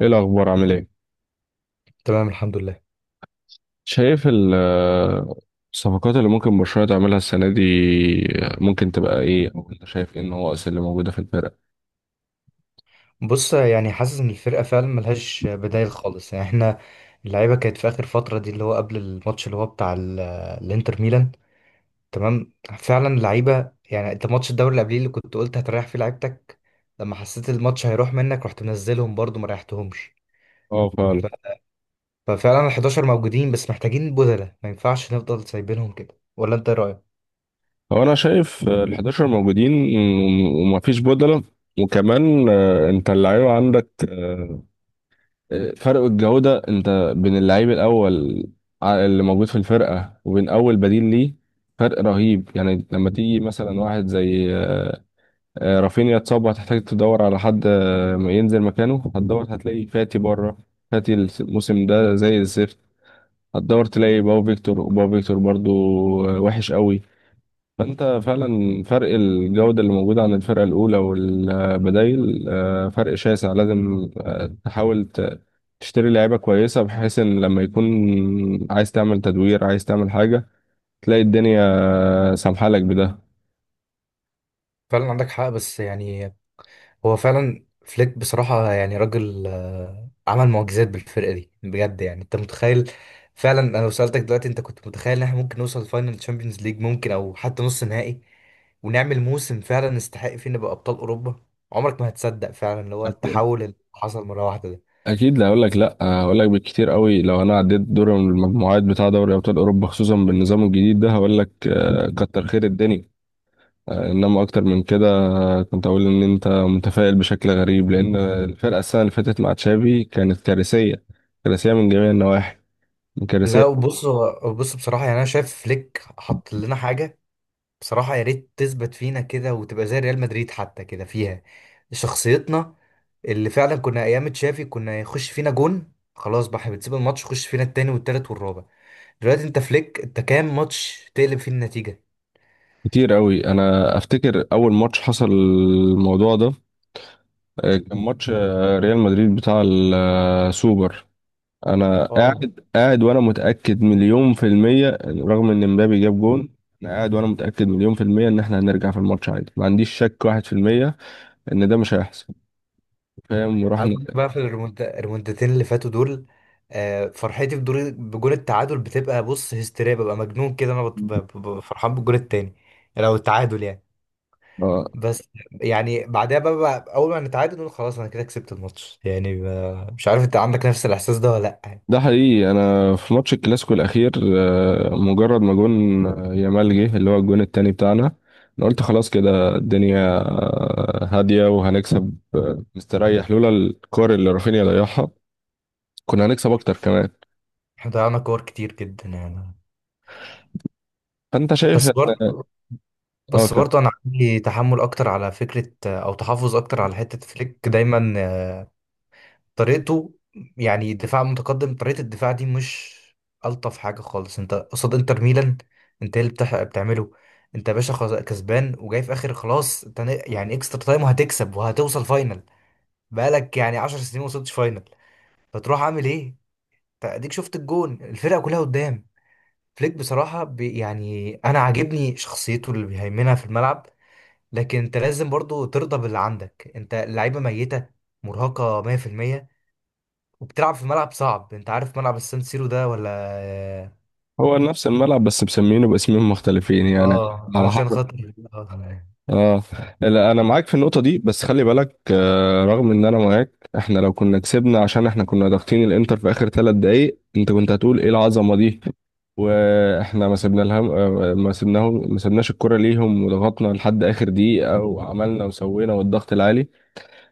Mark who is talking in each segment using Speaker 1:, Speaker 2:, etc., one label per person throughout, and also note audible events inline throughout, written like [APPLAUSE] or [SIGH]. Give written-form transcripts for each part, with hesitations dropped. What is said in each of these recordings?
Speaker 1: ايه الاخبار، عامل ايه؟
Speaker 2: تمام، الحمد لله.
Speaker 1: شايف الصفقات اللي ممكن برشلونة تعملها السنة دي ممكن تبقى ايه، او انت شايف ايه النواقص اللي موجودة في الفرقة؟
Speaker 2: بص يعني حاسس ان الفرقه فعلا ملهاش بدايل خالص، يعني احنا اللعيبه كانت في اخر فتره دي، اللي هو قبل الماتش اللي هو بتاع الانتر ميلان. تمام. فعلا اللعيبه، يعني انت ماتش الدوري اللي قبليه اللي كنت قلت هتريح فيه لعيبتك، لما حسيت الماتش هيروح منك رحت منزلهم برضو ما ريحتهمش.
Speaker 1: اه، فعلا.
Speaker 2: ف- ففعلا ال 11 موجودين بس محتاجين بدلة، ما ينفعش نفضل سايبينهم كده، ولا انت إيه رايك؟
Speaker 1: هو انا شايف ال 11 موجودين وما فيش بدلة، وكمان انت اللعيبة عندك. فرق الجودة انت بين اللعيب الاول اللي موجود في الفرقة وبين اول بديل ليه فرق رهيب. يعني لما تيجي مثلا واحد زي رافينيا اتصاب وهتحتاج تدور على حد ينزل مكانه، هتدور هتلاقي فاتي بره. فاتي الموسم ده زي الزفت. هتدور تلاقي باو فيكتور، وباو فيكتور برضو وحش قوي. فانت فعلا فرق الجودة اللي موجودة عن الفرقة الأولى والبدايل فرق شاسع. لازم تحاول تشتري لعيبة كويسة، بحيث ان لما يكون عايز تعمل تدوير، عايز تعمل حاجة، تلاقي الدنيا سامحالك بده.
Speaker 2: فعلا عندك حق بس يعني هو فعلا فليك بصراحة يعني راجل عمل معجزات بالفرقة دي بجد، يعني انت متخيل؟ فعلا انا لو سألتك دلوقتي، انت كنت متخيل ان احنا ممكن نوصل فاينل تشامبيونز ليج ممكن او حتى نص نهائي، ونعمل موسم فعلا نستحق فيه نبقى ابطال اوروبا؟ عمرك ما هتصدق فعلا اللي هو التحول اللي حصل مرة واحدة ده.
Speaker 1: اكيد. لا هقول لك بالكتير قوي، لو انا عديت دور المجموعات بتاع دوري ابطال اوروبا خصوصا بالنظام الجديد ده، هقول لك كتر خير الدنيا. انما اكتر من كده كنت اقول ان انت متفائل بشكل غريب، لان الفرقه السنه اللي فاتت مع تشافي كانت كارثيه. كارثيه من جميع النواحي.
Speaker 2: لا
Speaker 1: كارثيه.
Speaker 2: وبص بص بصراحة يعني انا شايف فليك حط لنا حاجة بصراحة، يا ريت تثبت فينا كده وتبقى زي ريال مدريد حتى، كده فيها شخصيتنا. اللي فعلا كنا ايام تشافي كنا يخش فينا جون خلاص بقى، احنا بنسيب الماتش يخش فينا التاني والتالت والرابع. دلوقتي انت فليك، انت كام ماتش تقلب فيه النتيجة؟
Speaker 1: كتير قوي. انا افتكر اول ماتش حصل الموضوع ده كان ماتش ريال مدريد بتاع السوبر. انا
Speaker 2: اه.
Speaker 1: قاعد قاعد وانا متاكد مليون في الميه، رغم ان مبابي جاب جون. انا قاعد وانا متاكد مليون في الميه ان احنا هنرجع في الماتش عادي، ما عنديش شك واحد في الميه ان ده مش هيحصل. فاهم؟
Speaker 2: عايز
Speaker 1: ورحنا.
Speaker 2: أقول لك بقى في الريمونتاتين اللي فاتوا دول، فرحتي بدور بجول التعادل بتبقى، بص، هستيريا، ببقى مجنون كده، انا فرحان بالجول التاني لو التعادل يعني.
Speaker 1: اه،
Speaker 2: بس يعني بعدها بقى، اول ما نتعادل نقول خلاص انا كده كسبت الماتش، يعني مش عارف انت عندك نفس الاحساس ده ولا لا يعني.
Speaker 1: ده حقيقي. انا في ماتش الكلاسيكو الاخير مجرد ما جون يامال جه اللي هو الجون التاني بتاعنا، انا قلت خلاص كده الدنيا هاديه وهنكسب مستريح، لولا الكور اللي رافينيا ضيعها كنا هنكسب اكتر كمان.
Speaker 2: احنا ضيعنا كور كتير جدا يعني.
Speaker 1: فانت شايف.
Speaker 2: بس برضه،
Speaker 1: اه.
Speaker 2: انا عندي تحمل اكتر على فكره، او تحفظ اكتر على حته فليك دايما طريقته، يعني دفاع متقدم. طريقه الدفاع دي مش الطف حاجه خالص. انت قصاد انتر ميلان، انت إيه اللي بتعمله؟ انت يا باشا خلاص كسبان وجاي في اخر، خلاص انت يعني اكسترا تايم وهتكسب وهتوصل فاينل. بقالك يعني 10 سنين ما وصلتش فاينل، فتروح عامل ايه؟ أنت اديك شفت الجون الفرقه كلها قدام. فليك بصراحه بي، يعني انا عاجبني شخصيته اللي بيهيمنها في الملعب، لكن انت لازم برضو ترضى باللي عندك. انت اللعيبه ميته، مرهقه 100%، وبتلعب في ملعب صعب. انت عارف ملعب السان سيرو ده ولا؟
Speaker 1: هو نفس الملعب بس مسمينه باسمين مختلفين يعني.
Speaker 2: اه
Speaker 1: على
Speaker 2: علشان
Speaker 1: حسب.
Speaker 2: خاطر [LAUGHS] آه.
Speaker 1: اه، لا انا معاك في النقطه دي، بس خلي بالك آه، رغم ان انا معاك، احنا لو كنا كسبنا عشان احنا كنا ضاغطين الانتر في اخر 3 دقائق، انت كنت هتقول ايه العظمه دي. واحنا ما سيبنا لهم ما سيبناهم، ما سيبناش الكره ليهم، وضغطنا لحد اخر دقيقه وعملنا وسوينا والضغط العالي.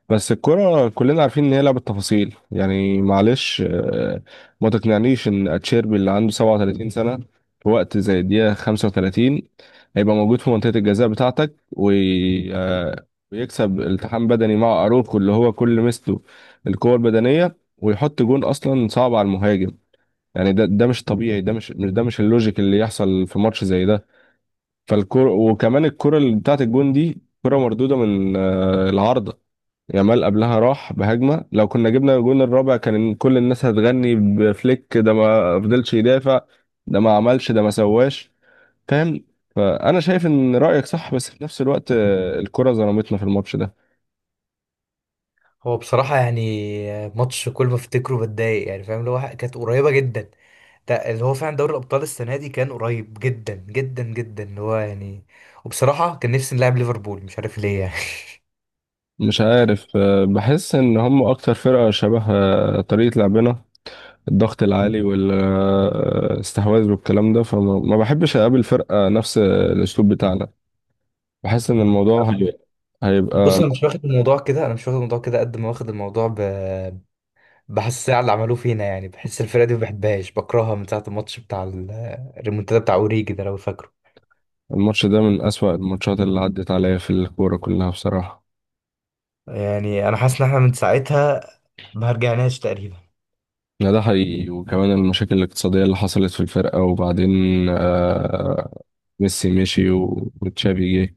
Speaker 1: بس الكرة كلنا عارفين ان هي لعبة تفاصيل. يعني معلش ما تقنعنيش ان اتشيربي اللي عنده 37 سنة، في وقت زي الدقيقة 35، هيبقى موجود في منطقة الجزاء بتاعتك، ويكسب التحام بدني مع اروخو اللي هو كل مسته القوة البدنية، ويحط جون اصلا صعب على المهاجم. يعني ده مش طبيعي. ده مش اللوجيك اللي يحصل في ماتش زي ده. فالكرة، وكمان الكرة اللي بتاعت الجون دي كرة مردودة من العارضة. يامال قبلها راح بهجمة، لو كنا جبنا الجون الرابع كان كل الناس هتغني بفليك. ده ما فضلش يدافع، ده ما عملش، ده ما سواش. فاهم؟ فأنا شايف إن رأيك صح، بس في نفس الوقت الكرة ظلمتنا في الماتش ده.
Speaker 2: هو بصراحه يعني ماتش كل ما افتكره بتضايق، يعني فاهم، اللي هو كانت قريبه جدا. ده اللي هو فعلا دوري الابطال السنه دي كان قريب جدا جدا جدا، اللي هو يعني وبصراحه كان نفسي نلعب ليفربول، مش عارف ليه يعني [LAUGHS]
Speaker 1: مش عارف بحس إن هم أكتر فرقة شبه طريقة لعبنا، الضغط العالي والاستحواذ والكلام ده. فما ما بحبش أقابل فرقة نفس الأسلوب بتاعنا. بحس إن الموضوع هيبقى
Speaker 2: بص انا مش واخد الموضوع كده، انا مش واخد الموضوع كده قد ما واخد الموضوع بحسها على اللي عملوه فينا، يعني بحس الفرقة دي ما بحبهاش، بكرهها من ساعة الماتش بتاع الريمونتادا بتاع اوريجي ده لو فاكره.
Speaker 1: الماتش ده من أسوأ الماتشات اللي عدت عليا في الكورة كلها، بصراحة.
Speaker 2: يعني انا حاسس ان احنا من ساعتها ما رجعناش تقريبا.
Speaker 1: لا، ده حقيقي. وكمان المشاكل الاقتصادية اللي حصلت في الفرقة، وبعدين آه ميسي مشي وتشافي جه.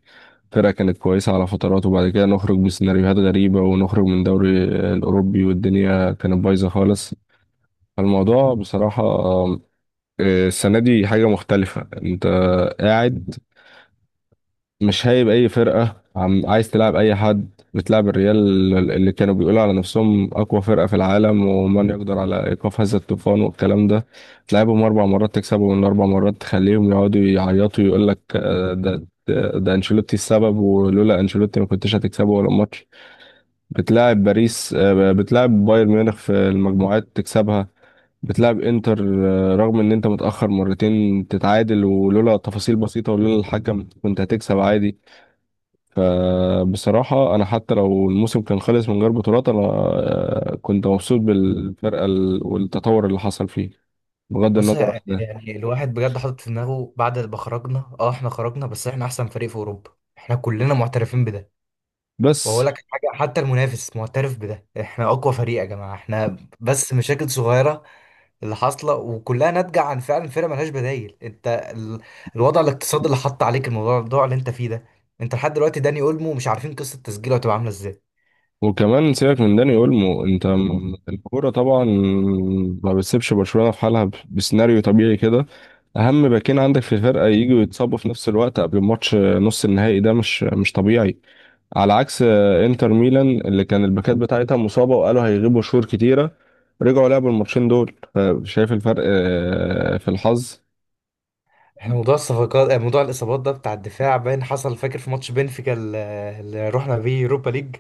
Speaker 1: الفرقة كانت كويسة على فترات، وبعد كده نخرج بسيناريوهات غريبة ونخرج من دوري الأوروبي، والدنيا كانت بايظة خالص. فالموضوع بصراحة السنة دي حاجة مختلفة. أنت قاعد مش هايب اي فرقه، عم عايز تلعب اي حد. بتلعب الريال اللي كانوا بيقولوا على نفسهم اقوى فرقه في العالم ومن يقدر على ايقاف هذا الطوفان والكلام ده، تلعبهم اربع مرات تكسبهم من اربع مرات، تخليهم يقعدوا يعيطوا يقول لك ده انشيلوتي السبب، ولولا انشيلوتي ما كنتش هتكسبه ولا ماتش. بتلاعب باريس بتلاعب بايرن ميونخ في المجموعات تكسبها. بتلعب انتر رغم ان انت متأخر مرتين تتعادل، ولولا تفاصيل بسيطة ولولا الحكم كنت هتكسب عادي. فبصراحة أنا حتى لو الموسم كان خلص من غير بطولات، أنا كنت مبسوط بالفرقة والتطور اللي حصل فيه، بغض
Speaker 2: بص
Speaker 1: النظر عن ده.
Speaker 2: يعني الواحد بجد حاطط في دماغه بعد ما خرجنا. اه احنا خرجنا بس احنا احسن فريق في اوروبا، احنا كلنا معترفين بده. واقول
Speaker 1: بس،
Speaker 2: لك حاجة، حتى المنافس معترف بده، احنا اقوى فريق يا جماعة. احنا بس مشاكل صغيرة اللي حاصله، وكلها ناتجه عن فعلا فرقه ملهاش بدايل. انت الوضع الاقتصادي اللي حط عليك الموضوع، اللي انت فيه ده. انت لحد دلوقتي داني اولمو مش عارفين قصه تسجيله هتبقى عامله ازاي.
Speaker 1: وكمان سيبك من داني أولمو. أنت الكورة طبعا ما بتسيبش برشلونة في حالها بسيناريو طبيعي كده. أهم باكين عندك في الفرقة يجوا يتصابوا في نفس الوقت قبل ماتش نص النهائي، ده مش طبيعي. على عكس انتر ميلان اللي كان الباكات بتاعتها مصابة وقالوا هيغيبوا شهور كتيرة، رجعوا لعبوا الماتشين دول. شايف الفرق في الحظ.
Speaker 2: احنا موضوع الصفقات، موضوع الاصابات ده بتاع الدفاع باين حصل، فاكر في ماتش بنفيكا اللي رحنا بيه يوروبا ليج؟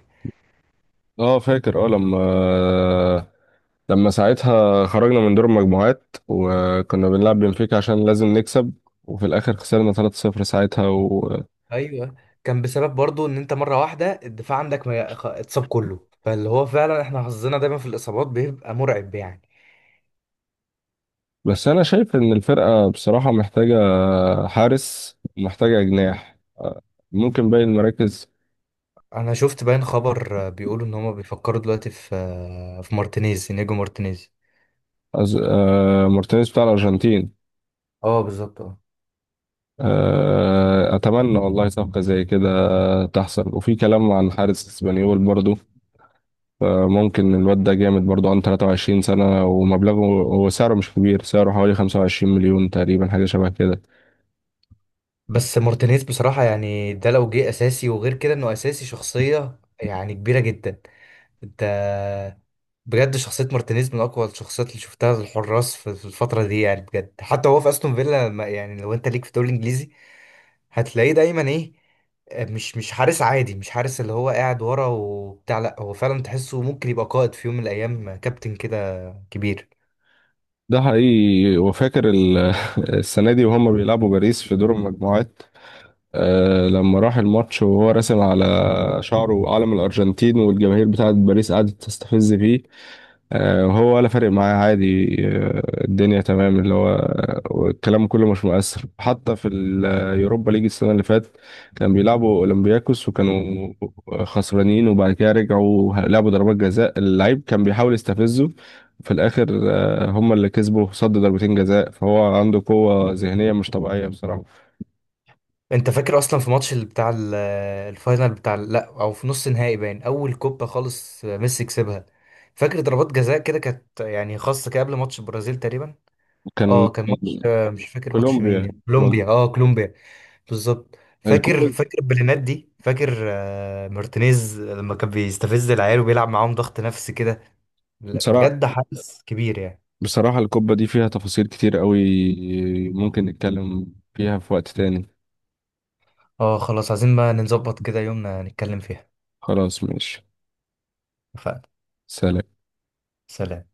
Speaker 1: اه، فاكر، اه. لما ساعتها خرجنا من دور المجموعات وكنا بنلعب بنفيكا عشان لازم نكسب، وفي الاخر خسرنا 3-0 ساعتها. و...
Speaker 2: ايوه، كان بسبب برضو ان انت مره واحده الدفاع عندك ما خ- اتصاب كله، فاللي هو فعلا احنا حظنا دايما في الاصابات بيبقى مرعب يعني.
Speaker 1: بس انا شايف ان الفرقة بصراحة محتاجة حارس ومحتاجة جناح، ممكن باقي المراكز.
Speaker 2: انا شفت باين خبر بيقولوا ان هما بيفكروا دلوقتي في في مارتينيز، نيجو مارتينيز.
Speaker 1: أز... آه، مارتينيز بتاع الارجنتين.
Speaker 2: اه بالظبط اه.
Speaker 1: أتمنى والله صفقة زي كده تحصل. وفي كلام عن حارس اسبانيول برضو، ممكن الواد ده جامد برضو، عنده 23 سنة، ومبلغه وسعره مش كبير، سعره حوالي 25 مليون تقريبا، حاجة شبه كده.
Speaker 2: بس مارتينيز بصراحة يعني ده لو جه أساسي، وغير كده إنه أساسي شخصية يعني كبيرة جدا. أنت بجد، شخصية مارتينيز من أقوى الشخصيات اللي شفتها الحراس في الفترة دي، يعني بجد. حتى هو في أستون فيلا يعني لو أنت ليك في الدوري الإنجليزي هتلاقيه دايما إيه؟ مش مش حارس عادي، مش حارس اللي هو قاعد ورا وبتاع، لأ هو فعلا تحسه ممكن يبقى قائد في يوم من الأيام، كابتن كده كبير.
Speaker 1: ده حقيقي. وفاكر [LAUGHS] السنة دي وهم بيلعبوا باريس في دور المجموعات، لما راح الماتش وهو راسم على شعره علم الأرجنتين، والجماهير بتاعت باريس قعدت تستفز فيه وهو ولا فارق معاه عادي، الدنيا تمام. اللي هو الكلام كله مش مؤثر. حتى في اليوروبا ليج السنة اللي فاتت كان بيلعبوا أولمبياكوس وكانوا خسرانين، وبعد كده رجعوا لعبوا ضربات جزاء، اللعيب كان بيحاول يستفزه. في الآخر هم اللي كسبوا، صد ضربتين جزاء. فهو عنده قوة ذهنية مش طبيعية بصراحة.
Speaker 2: انت فاكر اصلا في ماتش الفاينل لا، او في نص نهائي باين اول كوبا خالص ميسي كسبها؟ فاكر ضربات جزاء كده كانت يعني خاصه كده قبل ماتش البرازيل تقريبا.
Speaker 1: كان
Speaker 2: اه كان ماتش مش فاكر ماتش مين،
Speaker 1: كولومبيا.
Speaker 2: يعني
Speaker 1: كولومبيا.
Speaker 2: كولومبيا، اه كولومبيا. بالظبط. فاكر،
Speaker 1: الكوبا.
Speaker 2: فاكر بلينات دي؟ فاكر مارتينيز لما كان بيستفز العيال وبيلعب معاهم ضغط نفسي كده؟ لا،
Speaker 1: بصراحة،
Speaker 2: بجد حدث كبير يعني.
Speaker 1: بصراحة القبة دي فيها تفاصيل كتير قوي، ممكن نتكلم فيها في وقت تاني.
Speaker 2: اه خلاص، عايزين بقى نظبط كده يومنا نتكلم فيها.
Speaker 1: خلاص، ماشي.
Speaker 2: اتفقنا.
Speaker 1: سلام.
Speaker 2: سلام.